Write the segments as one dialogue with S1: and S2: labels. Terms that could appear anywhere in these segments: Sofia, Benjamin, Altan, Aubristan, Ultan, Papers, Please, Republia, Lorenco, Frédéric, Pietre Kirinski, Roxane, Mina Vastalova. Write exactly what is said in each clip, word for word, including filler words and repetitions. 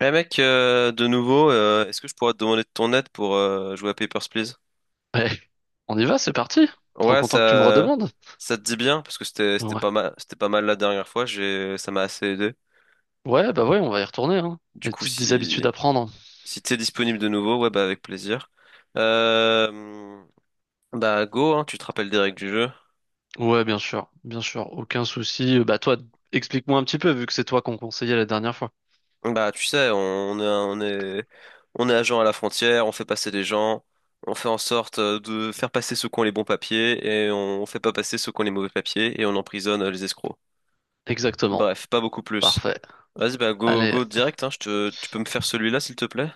S1: Eh mec, euh, de nouveau, euh, est-ce que je pourrais te demander de ton aide pour euh, jouer à Papers, Please?
S2: Ben, on y va, c'est parti. Trop
S1: Ouais,
S2: content que tu me
S1: ça,
S2: redemandes.
S1: ça te dit bien parce que c'était, c'était
S2: Ouais.
S1: pas mal, c'était pas mal la dernière fois. J'ai, ça m'a assez aidé.
S2: Ouais, bah ouais, on va y retourner, hein.
S1: Du
S2: Les
S1: coup,
S2: petites des habitudes
S1: si,
S2: à prendre.
S1: si t'es disponible de nouveau, ouais, bah avec plaisir. Euh, bah go, hein, tu te rappelles des règles du jeu.
S2: Ouais, bien sûr, bien sûr, aucun souci. Euh, Bah toi, explique-moi un petit peu, vu que c'est toi qu'on conseillait la dernière fois.
S1: Bah tu sais, on est, on est, on est agent à la frontière, on fait passer des gens, on fait en sorte euh, de faire passer ceux qui ont les bons papiers et on fait pas passer ceux qui ont les mauvais papiers et on emprisonne euh, les escrocs.
S2: Exactement.
S1: Bref, pas beaucoup plus.
S2: Parfait.
S1: Vas-y, bah go,
S2: Allez.
S1: go direct, hein, je te, tu peux me faire celui-là, s'il te plaît?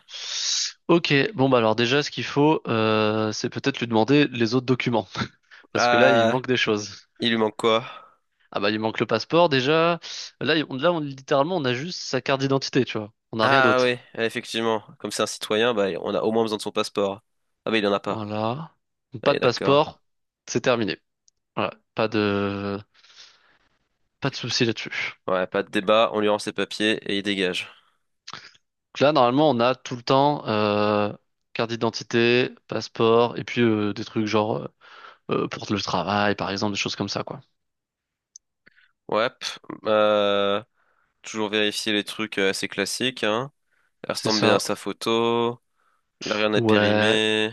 S2: Ok, bon bah alors déjà, ce qu'il faut, euh, c'est peut-être lui demander les autres documents. Parce que là, il
S1: Ah,
S2: manque des choses.
S1: il lui manque quoi?
S2: Ah bah il manque le passeport déjà. Là, il- on, là on, littéralement, on a juste sa carte d'identité, tu vois. On n'a rien
S1: Ah oui,
S2: d'autre.
S1: effectivement, comme c'est un citoyen, bah on a au moins besoin de son passeport. Ah bah il en a pas.
S2: Voilà. Pas
S1: Allez,
S2: de
S1: d'accord.
S2: passeport, c'est terminé. Ouais, pas de pas de souci là-dessus.
S1: Ouais, pas de débat, on lui rend ses papiers et il dégage.
S2: Donc là, normalement, on a tout le temps euh, carte d'identité, passeport, et puis euh, des trucs genre euh, euh, pour le travail, par exemple, des choses comme ça, quoi.
S1: Ouais, pff, euh, toujours vérifier les trucs euh, assez classiques, hein.
S2: C'est
S1: Ressemble bien à
S2: ça.
S1: sa photo, là rien n'est
S2: Ouais,
S1: périmé.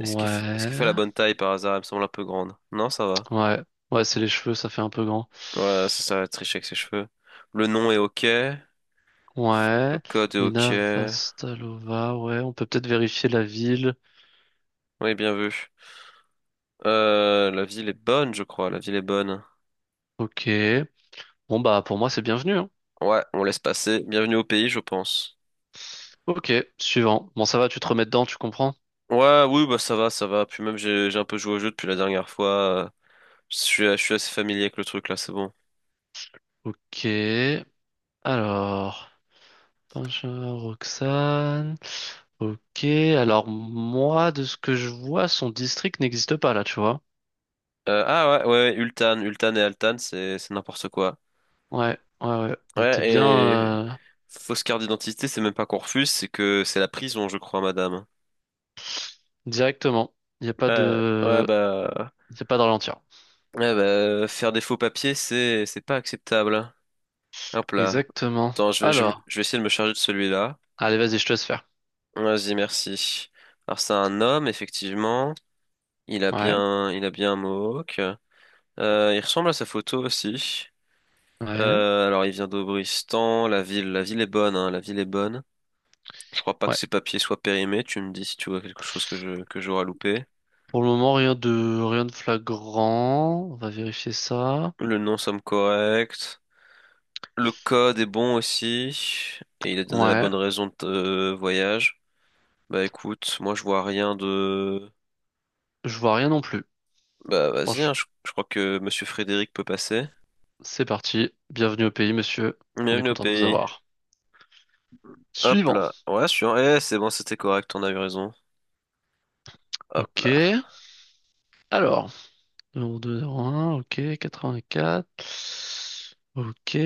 S1: Est-ce qu'il fait, est-ce qu'il fait la bonne taille par hasard? Elle me semble un peu grande. Non, ça va.
S2: ouais, ouais. C'est les cheveux, ça fait un peu grand.
S1: Ouais, ça, ça va tricher avec ses cheveux. Le nom est ok. Le
S2: Ouais,
S1: code est ok.
S2: Mina Vastalova. Ouais, on peut peut-être vérifier la ville.
S1: Oui, bien vu. Euh, la ville est bonne, je crois. La ville est bonne.
S2: Ok. Bon bah pour moi, c'est bienvenu, hein.
S1: Ouais, on laisse passer. Bienvenue au pays, je pense.
S2: Ok, suivant. Bon, ça va, tu te remets dedans, tu comprends?
S1: Ouais, oui, bah ça va, ça va. Puis même j'ai j'ai un peu joué au jeu depuis la dernière fois. euh, Je suis, je suis assez familier avec le truc là, c'est bon.
S2: Ok. Alors. Benjamin, Roxane. Ok, alors moi, de ce que je vois, son district n'existe pas là, tu vois.
S1: Euh, ah ouais, ouais, ouais, Ultan, Ultan et Altan, c'est c'est n'importe quoi.
S2: Ouais, ouais, ouais. On était
S1: Ouais,
S2: bien
S1: et
S2: euh,
S1: fausse carte d'identité, c'est même pas qu'on refuse, c'est que c'est la prison, je crois, madame.
S2: directement. Il n'y a pas
S1: Ouais, ouais
S2: de...
S1: bah,
S2: Il n'y a pas de ralentir.
S1: ouais, bah faire des faux papiers, c'est c'est pas acceptable. Hop là.
S2: Exactement.
S1: Attends, je vais, je, me-
S2: Alors,
S1: je vais essayer de me charger de celui-là.
S2: allez, vas-y, je te laisse faire.
S1: Vas-y, merci. Alors, c'est un homme, effectivement. Il a
S2: Ouais,
S1: bien, il a bien un mohawk. Euh, il ressemble à sa photo aussi.
S2: ouais,
S1: Euh, alors, il vient d'Aubristan. La ville, la ville est bonne, hein, la ville est bonne. Je crois pas que
S2: ouais.
S1: ses papiers soient périmés. Tu me dis si tu vois quelque chose que je, que j'aurais loupé.
S2: Pour le moment, rien de rien de flagrant. On va vérifier ça.
S1: Le nom somme correct. Le code est bon aussi. Et il a donné la
S2: Ouais,
S1: bonne raison de euh, voyage. Bah écoute, moi je vois rien de...
S2: je vois rien non plus.
S1: Bah vas-y, hein,
S2: Franchement,
S1: je, je crois que Monsieur Frédéric peut passer.
S2: c'est parti. Bienvenue au pays, monsieur. On est
S1: Bienvenue au
S2: content de vous
S1: pays.
S2: avoir.
S1: Hop là.
S2: Suivant.
S1: Ouais, je suis en... Eh, c'est bon, c'était correct, on a eu raison. Hop
S2: Ok.
S1: là.
S2: Alors. zéro virgule deux zéro un, ok, quatre-vingt-quatre. Ok,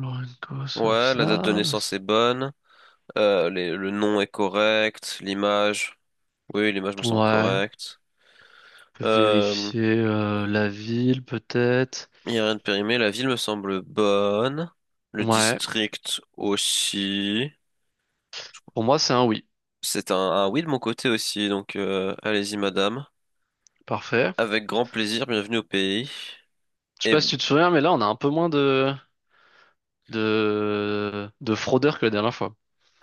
S2: Lorenco,
S1: Ouais, la date de
S2: Sofia. là,
S1: naissance
S2: c'est-
S1: est bonne. Euh, les- le nom est correct. L'image. Oui, l'image me semble
S2: Ouais, on
S1: correcte.
S2: peut
S1: Euh,
S2: vérifier euh, la ville peut-être.
S1: il n'y a rien de périmé. La ville me semble bonne. Le
S2: Ouais,
S1: district aussi.
S2: pour moi c'est un oui.
S1: C'est un, un oui de mon côté aussi, donc euh, allez-y madame.
S2: Parfait.
S1: Avec grand plaisir, bienvenue au pays.
S2: Je sais
S1: Et
S2: pas si tu te souviens, mais là on a un peu moins de de de fraudeurs que la dernière fois.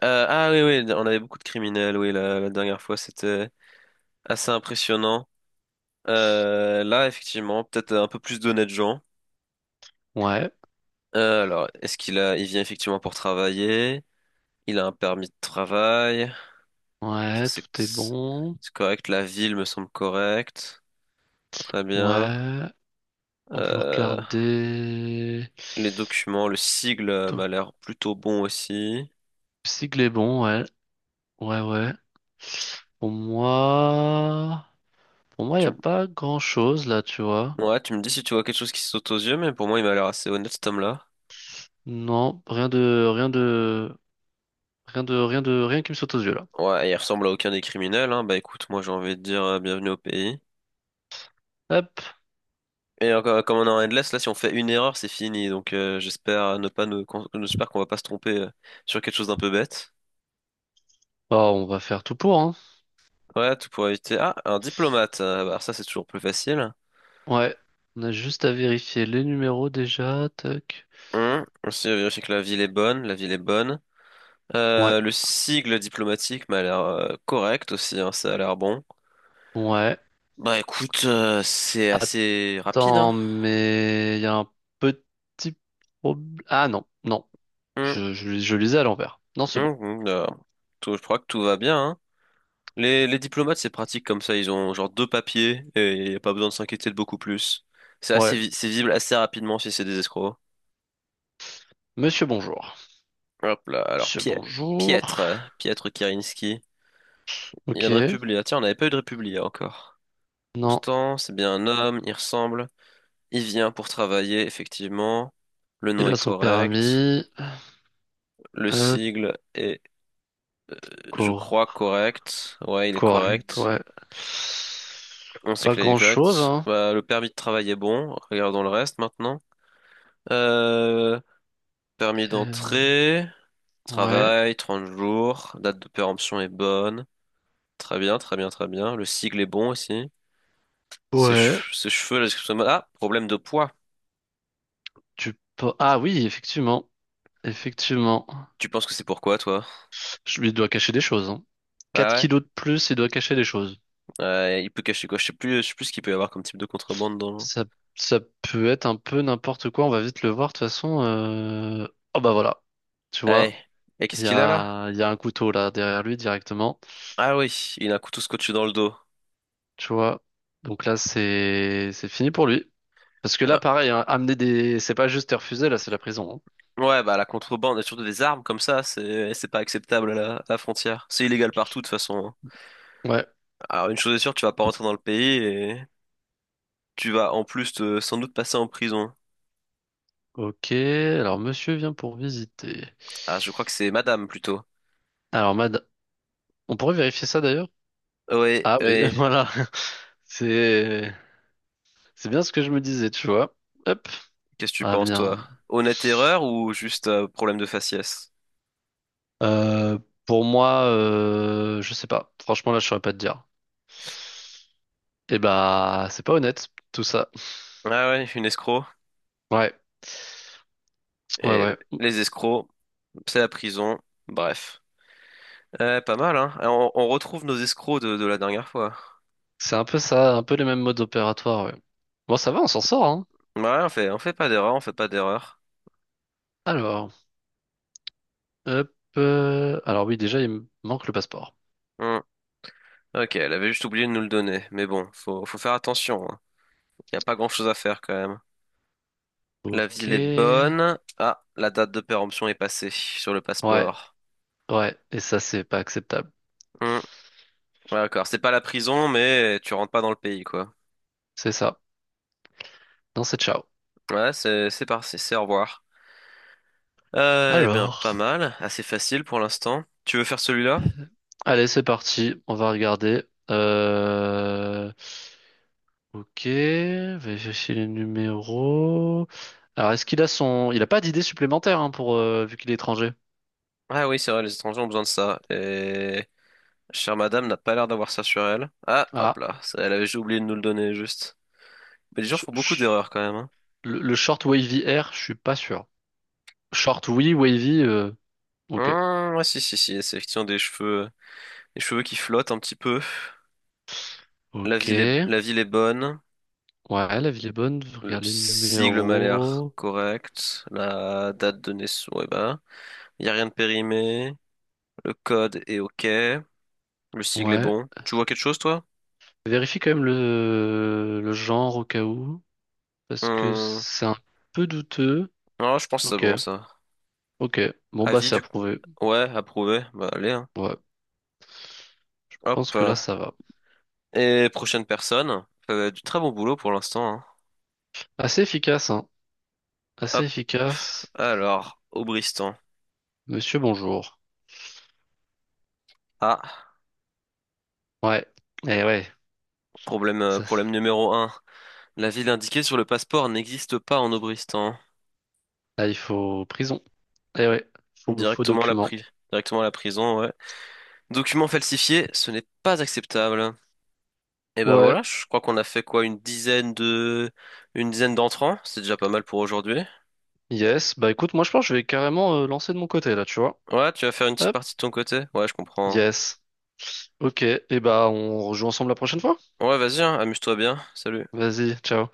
S1: Euh, ah oui, oui, on avait beaucoup de criminels, oui, la, la dernière fois, c'était assez impressionnant. Euh, là, effectivement, peut-être un peu plus d'honnêtes gens.
S2: Ouais,
S1: Euh, alors, est-ce qu'il a, il vient effectivement pour travailler? Il a un permis de travail? Ça,
S2: ouais,
S1: C'est
S2: tout est bon.
S1: c'est correct, la ville me semble correcte. Très bien.
S2: Ouais, on peut
S1: Euh,
S2: regarder.
S1: les documents, le sigle euh,
S2: Donc,
S1: m'a l'air plutôt bon aussi.
S2: sigle est bon, ouais, ouais, ouais. Pour moi. Pour moi, il n'y
S1: Tu,
S2: a
S1: m-
S2: pas grand-chose là, tu vois.
S1: ouais, tu me dis si tu vois quelque chose qui saute aux yeux, mais pour moi, il m'a l'air assez honnête, cet homme-là.
S2: Non, rien de, rien de, rien de, rien de, rien qui me saute aux yeux là.
S1: Ouais, il ressemble à aucun des criminels, hein. Bah écoute, moi j'ai envie de dire euh, bienvenue au pays.
S2: Hop.
S1: Et encore, euh, comme on est en endless, là si on fait une erreur, c'est fini. Donc euh, j'espère ne pas nous, qu'on- j'espère qu'on va pas se tromper euh, sur quelque chose d'un peu bête.
S2: Bah, on va faire tout pour, hein.
S1: Ouais, tout pour éviter. Ah, un diplomate. Euh, bah, alors ça c'est toujours plus facile.
S2: Ouais, on a juste à vérifier les numéros déjà, tac.
S1: Hum, Aussi vérifier que la ville est bonne, la ville est bonne.
S2: Ouais,
S1: Euh, le sigle diplomatique m'a l'air euh, correct aussi, hein, ça a l'air bon.
S2: ouais.
S1: Bah écoute, euh, c'est assez rapide,
S2: Attends,
S1: hein.
S2: mais il y a un petit problème. Ah non, non,
S1: Hum,
S2: je, je, je lisais à l'envers. Non, c'est bon.
S1: hum, hum, euh, Tout- je crois que tout va bien, hein. Les, les diplomates, c'est pratique comme ça. Ils ont genre deux papiers et y a pas besoin de s'inquiéter de beaucoup plus. C'est assez,
S2: Ouais,
S1: vi- c'est visible assez rapidement si c'est des escrocs.
S2: monsieur bonjour.
S1: Hop là, alors
S2: Monsieur
S1: Pie-
S2: bonjour.
S1: Pietre, euh, Pietre Kirinski. Il y a de
S2: Ok,
S1: Republia. Tiens, on n'avait pas eu de Republia encore.
S2: non,
S1: Constant, c'est bien un homme, il ressemble. Il vient pour travailler, effectivement. Le
S2: il
S1: nom
S2: a
S1: est
S2: son
S1: correct.
S2: permis.
S1: Le sigle est, euh, je crois,
S2: Hop,
S1: correct. Ouais, il est
S2: correct,
S1: correct.
S2: ouais.
S1: On sait
S2: Pas
S1: que là, il est
S2: grand-chose,
S1: correct.
S2: hein.
S1: Bah, le permis de travail est bon. Regardons le reste maintenant. Euh, Permis
S2: Euh,
S1: d'entrée,
S2: ouais.
S1: travail, trente jours, date de péremption est bonne. Très bien, très bien, très bien. Le sigle est bon aussi. Ses,
S2: Ouais.
S1: chev- ses cheveux, la description... de mode- Ah, problème de poids.
S2: Tu peux... Ah oui, effectivement. Effectivement.
S1: Tu penses que c'est pourquoi, toi?
S2: Je lui dois cacher des choses, hein. quatre
S1: Ah ouais?
S2: kilos de plus, il doit cacher des choses.
S1: Euh, il peut cacher quoi? Je sais plus, je sais plus ce qu'il peut y avoir comme type de contrebande dans... le...
S2: Ça, ça peut être un peu n'importe quoi, on va vite le voir, de toute façon, euh, oh bah voilà. Tu
S1: Eh,
S2: vois,
S1: Et
S2: il
S1: qu'est-ce
S2: y
S1: qu'il a là?
S2: a, il y a un couteau là derrière lui directement.
S1: Ah oui, il a un couteau scotché dans le dos.
S2: Tu vois. Donc là, c'est c'est fini pour lui. Parce que là,
S1: Ah.
S2: pareil, hein, amener des. C'est pas juste te refuser, là, c'est la prison,
S1: Ouais, bah la contrebande, et surtout des armes comme ça, c'est eh, c'est pas acceptable à la, à la frontière. C'est illégal partout de toute façon. Hein.
S2: hein. Ouais.
S1: Alors une chose est sûre, tu vas pas rentrer dans le pays. Tu vas en plus te- sans doute passer en prison.
S2: Ok, alors monsieur vient pour visiter.
S1: Ah, je crois que c'est madame plutôt.
S2: Alors, mad... on pourrait vérifier ça d'ailleurs?
S1: Ouais,
S2: Ah oui,
S1: ouais.
S2: voilà. C'est c'est bien ce que je me disais, tu vois. Hop,
S1: Qu'est-ce que tu
S2: à
S1: penses, toi?
S2: venir.
S1: Honnête erreur ou juste euh, problème de faciès?
S2: Euh, pour moi, euh, je sais pas. Franchement, là, je saurais pas te dire. Eh bah, c'est pas honnête, tout ça.
S1: Ah ouais, une escroc.
S2: Ouais, ouais,
S1: Et
S2: ouais.
S1: les escrocs, c'est la prison. Bref. Euh, pas mal, hein? Et On, on retrouve nos escrocs de, de la dernière fois.
S2: C'est un peu ça, un peu les mêmes modes opératoires, ouais. Bon, ça va, on s'en sort, hein.
S1: Ouais, on fait, on fait pas d'erreur, on fait pas d'erreur.
S2: Alors, hop. euh, Alors oui, déjà, il me manque le passeport.
S1: Hmm. Ok, elle avait juste oublié de nous le donner. Mais bon, faut, faut faire attention. Hein. Y a pas grand-chose à faire quand même. La
S2: Ok.
S1: ville est bonne. Ah, la date de péremption est passée sur le
S2: Ouais,
S1: passeport.
S2: ouais. Et ça, c'est pas acceptable.
S1: Hmm. Ouais, d'accord, c'est pas la prison, mais tu rentres pas dans le pays, quoi.
S2: C'est ça. Non, c'est ciao.
S1: Ouais, c'est c'est parti, c'est au revoir. Euh, eh bien,
S2: Alors,
S1: pas mal, assez facile pour l'instant. Tu veux faire celui-là?
S2: allez, c'est parti. On va regarder. Euh... Ok. Vérifier les numéros. Alors, est-ce qu'il a son... Il a pas d'idée supplémentaire hein, pour euh, vu qu'il est étranger.
S1: Ah oui, c'est vrai, les étrangers ont besoin de ça. Et chère madame n'a pas l'air d'avoir ça sur elle. Ah, hop
S2: Ah.
S1: là, ça, elle avait juste oublié de nous le donner, juste. Mais les gens
S2: je-
S1: font beaucoup
S2: je-
S1: d'erreurs quand même, hein.
S2: Le, le short wavy air, je suis pas sûr. Short oui, wavy. euh, Ok.
S1: Hmm, ouais, si, si, si, c'est effectivement des cheveux, des cheveux qui flottent un petit peu. La
S2: Ok.
S1: ville est, la ville est bonne.
S2: Ouais, la ville est bonne.
S1: Le
S2: Regardez le
S1: sigle m'a l'air
S2: numéro.
S1: correct. La date de naissance, ouais, bah. Il n'y a rien de périmé. Le code est OK. Le sigle est
S2: Ouais.
S1: bon. Tu vois quelque chose, toi?
S2: Vérifie quand même le, le genre au cas où, parce que
S1: Hum,
S2: c'est un peu douteux.
S1: Ah, je pense que c'est
S2: Ok,
S1: bon, ça.
S2: ok. Bon, bah,
S1: Avis
S2: c'est
S1: du...
S2: approuvé.
S1: Ouais, approuvé. Bah, allez, hein.
S2: Ouais, je pense
S1: Hop.
S2: que
S1: euh.
S2: là, ça va.
S1: Et prochaine personne. Euh, du très bon boulot pour l'instant, hein.
S2: Assez efficace, hein. Assez
S1: Hop.
S2: efficace.
S1: Alors, Aubristan.
S2: Monsieur, bonjour.
S1: Ah,
S2: Ouais, eh ouais.
S1: problème, euh,
S2: Ça, ça-
S1: problème numéro un. La ville indiquée sur le passeport n'existe pas en Aubristan.
S2: là, il faut prison. Eh ouais, faux, faux
S1: Directement à la
S2: document.
S1: pri- Directement à la prison, ouais. Document falsifié, ce n'est pas acceptable. Et ben
S2: Ouais,
S1: voilà, je crois qu'on a fait quoi, une dizaine de, une dizaine d'entrants, c'est déjà pas mal pour aujourd'hui.
S2: yes. Bah, écoute, moi, je pense que je vais carrément euh, lancer de mon côté, là, tu vois.
S1: Ouais, tu vas faire une petite
S2: Hop,
S1: partie de ton côté? Ouais, je comprends.
S2: yes. Ok, et bah, on rejoue ensemble la prochaine fois.
S1: Ouais, vas-y, hein, amuse-toi bien. Salut.
S2: Vas-y, ciao.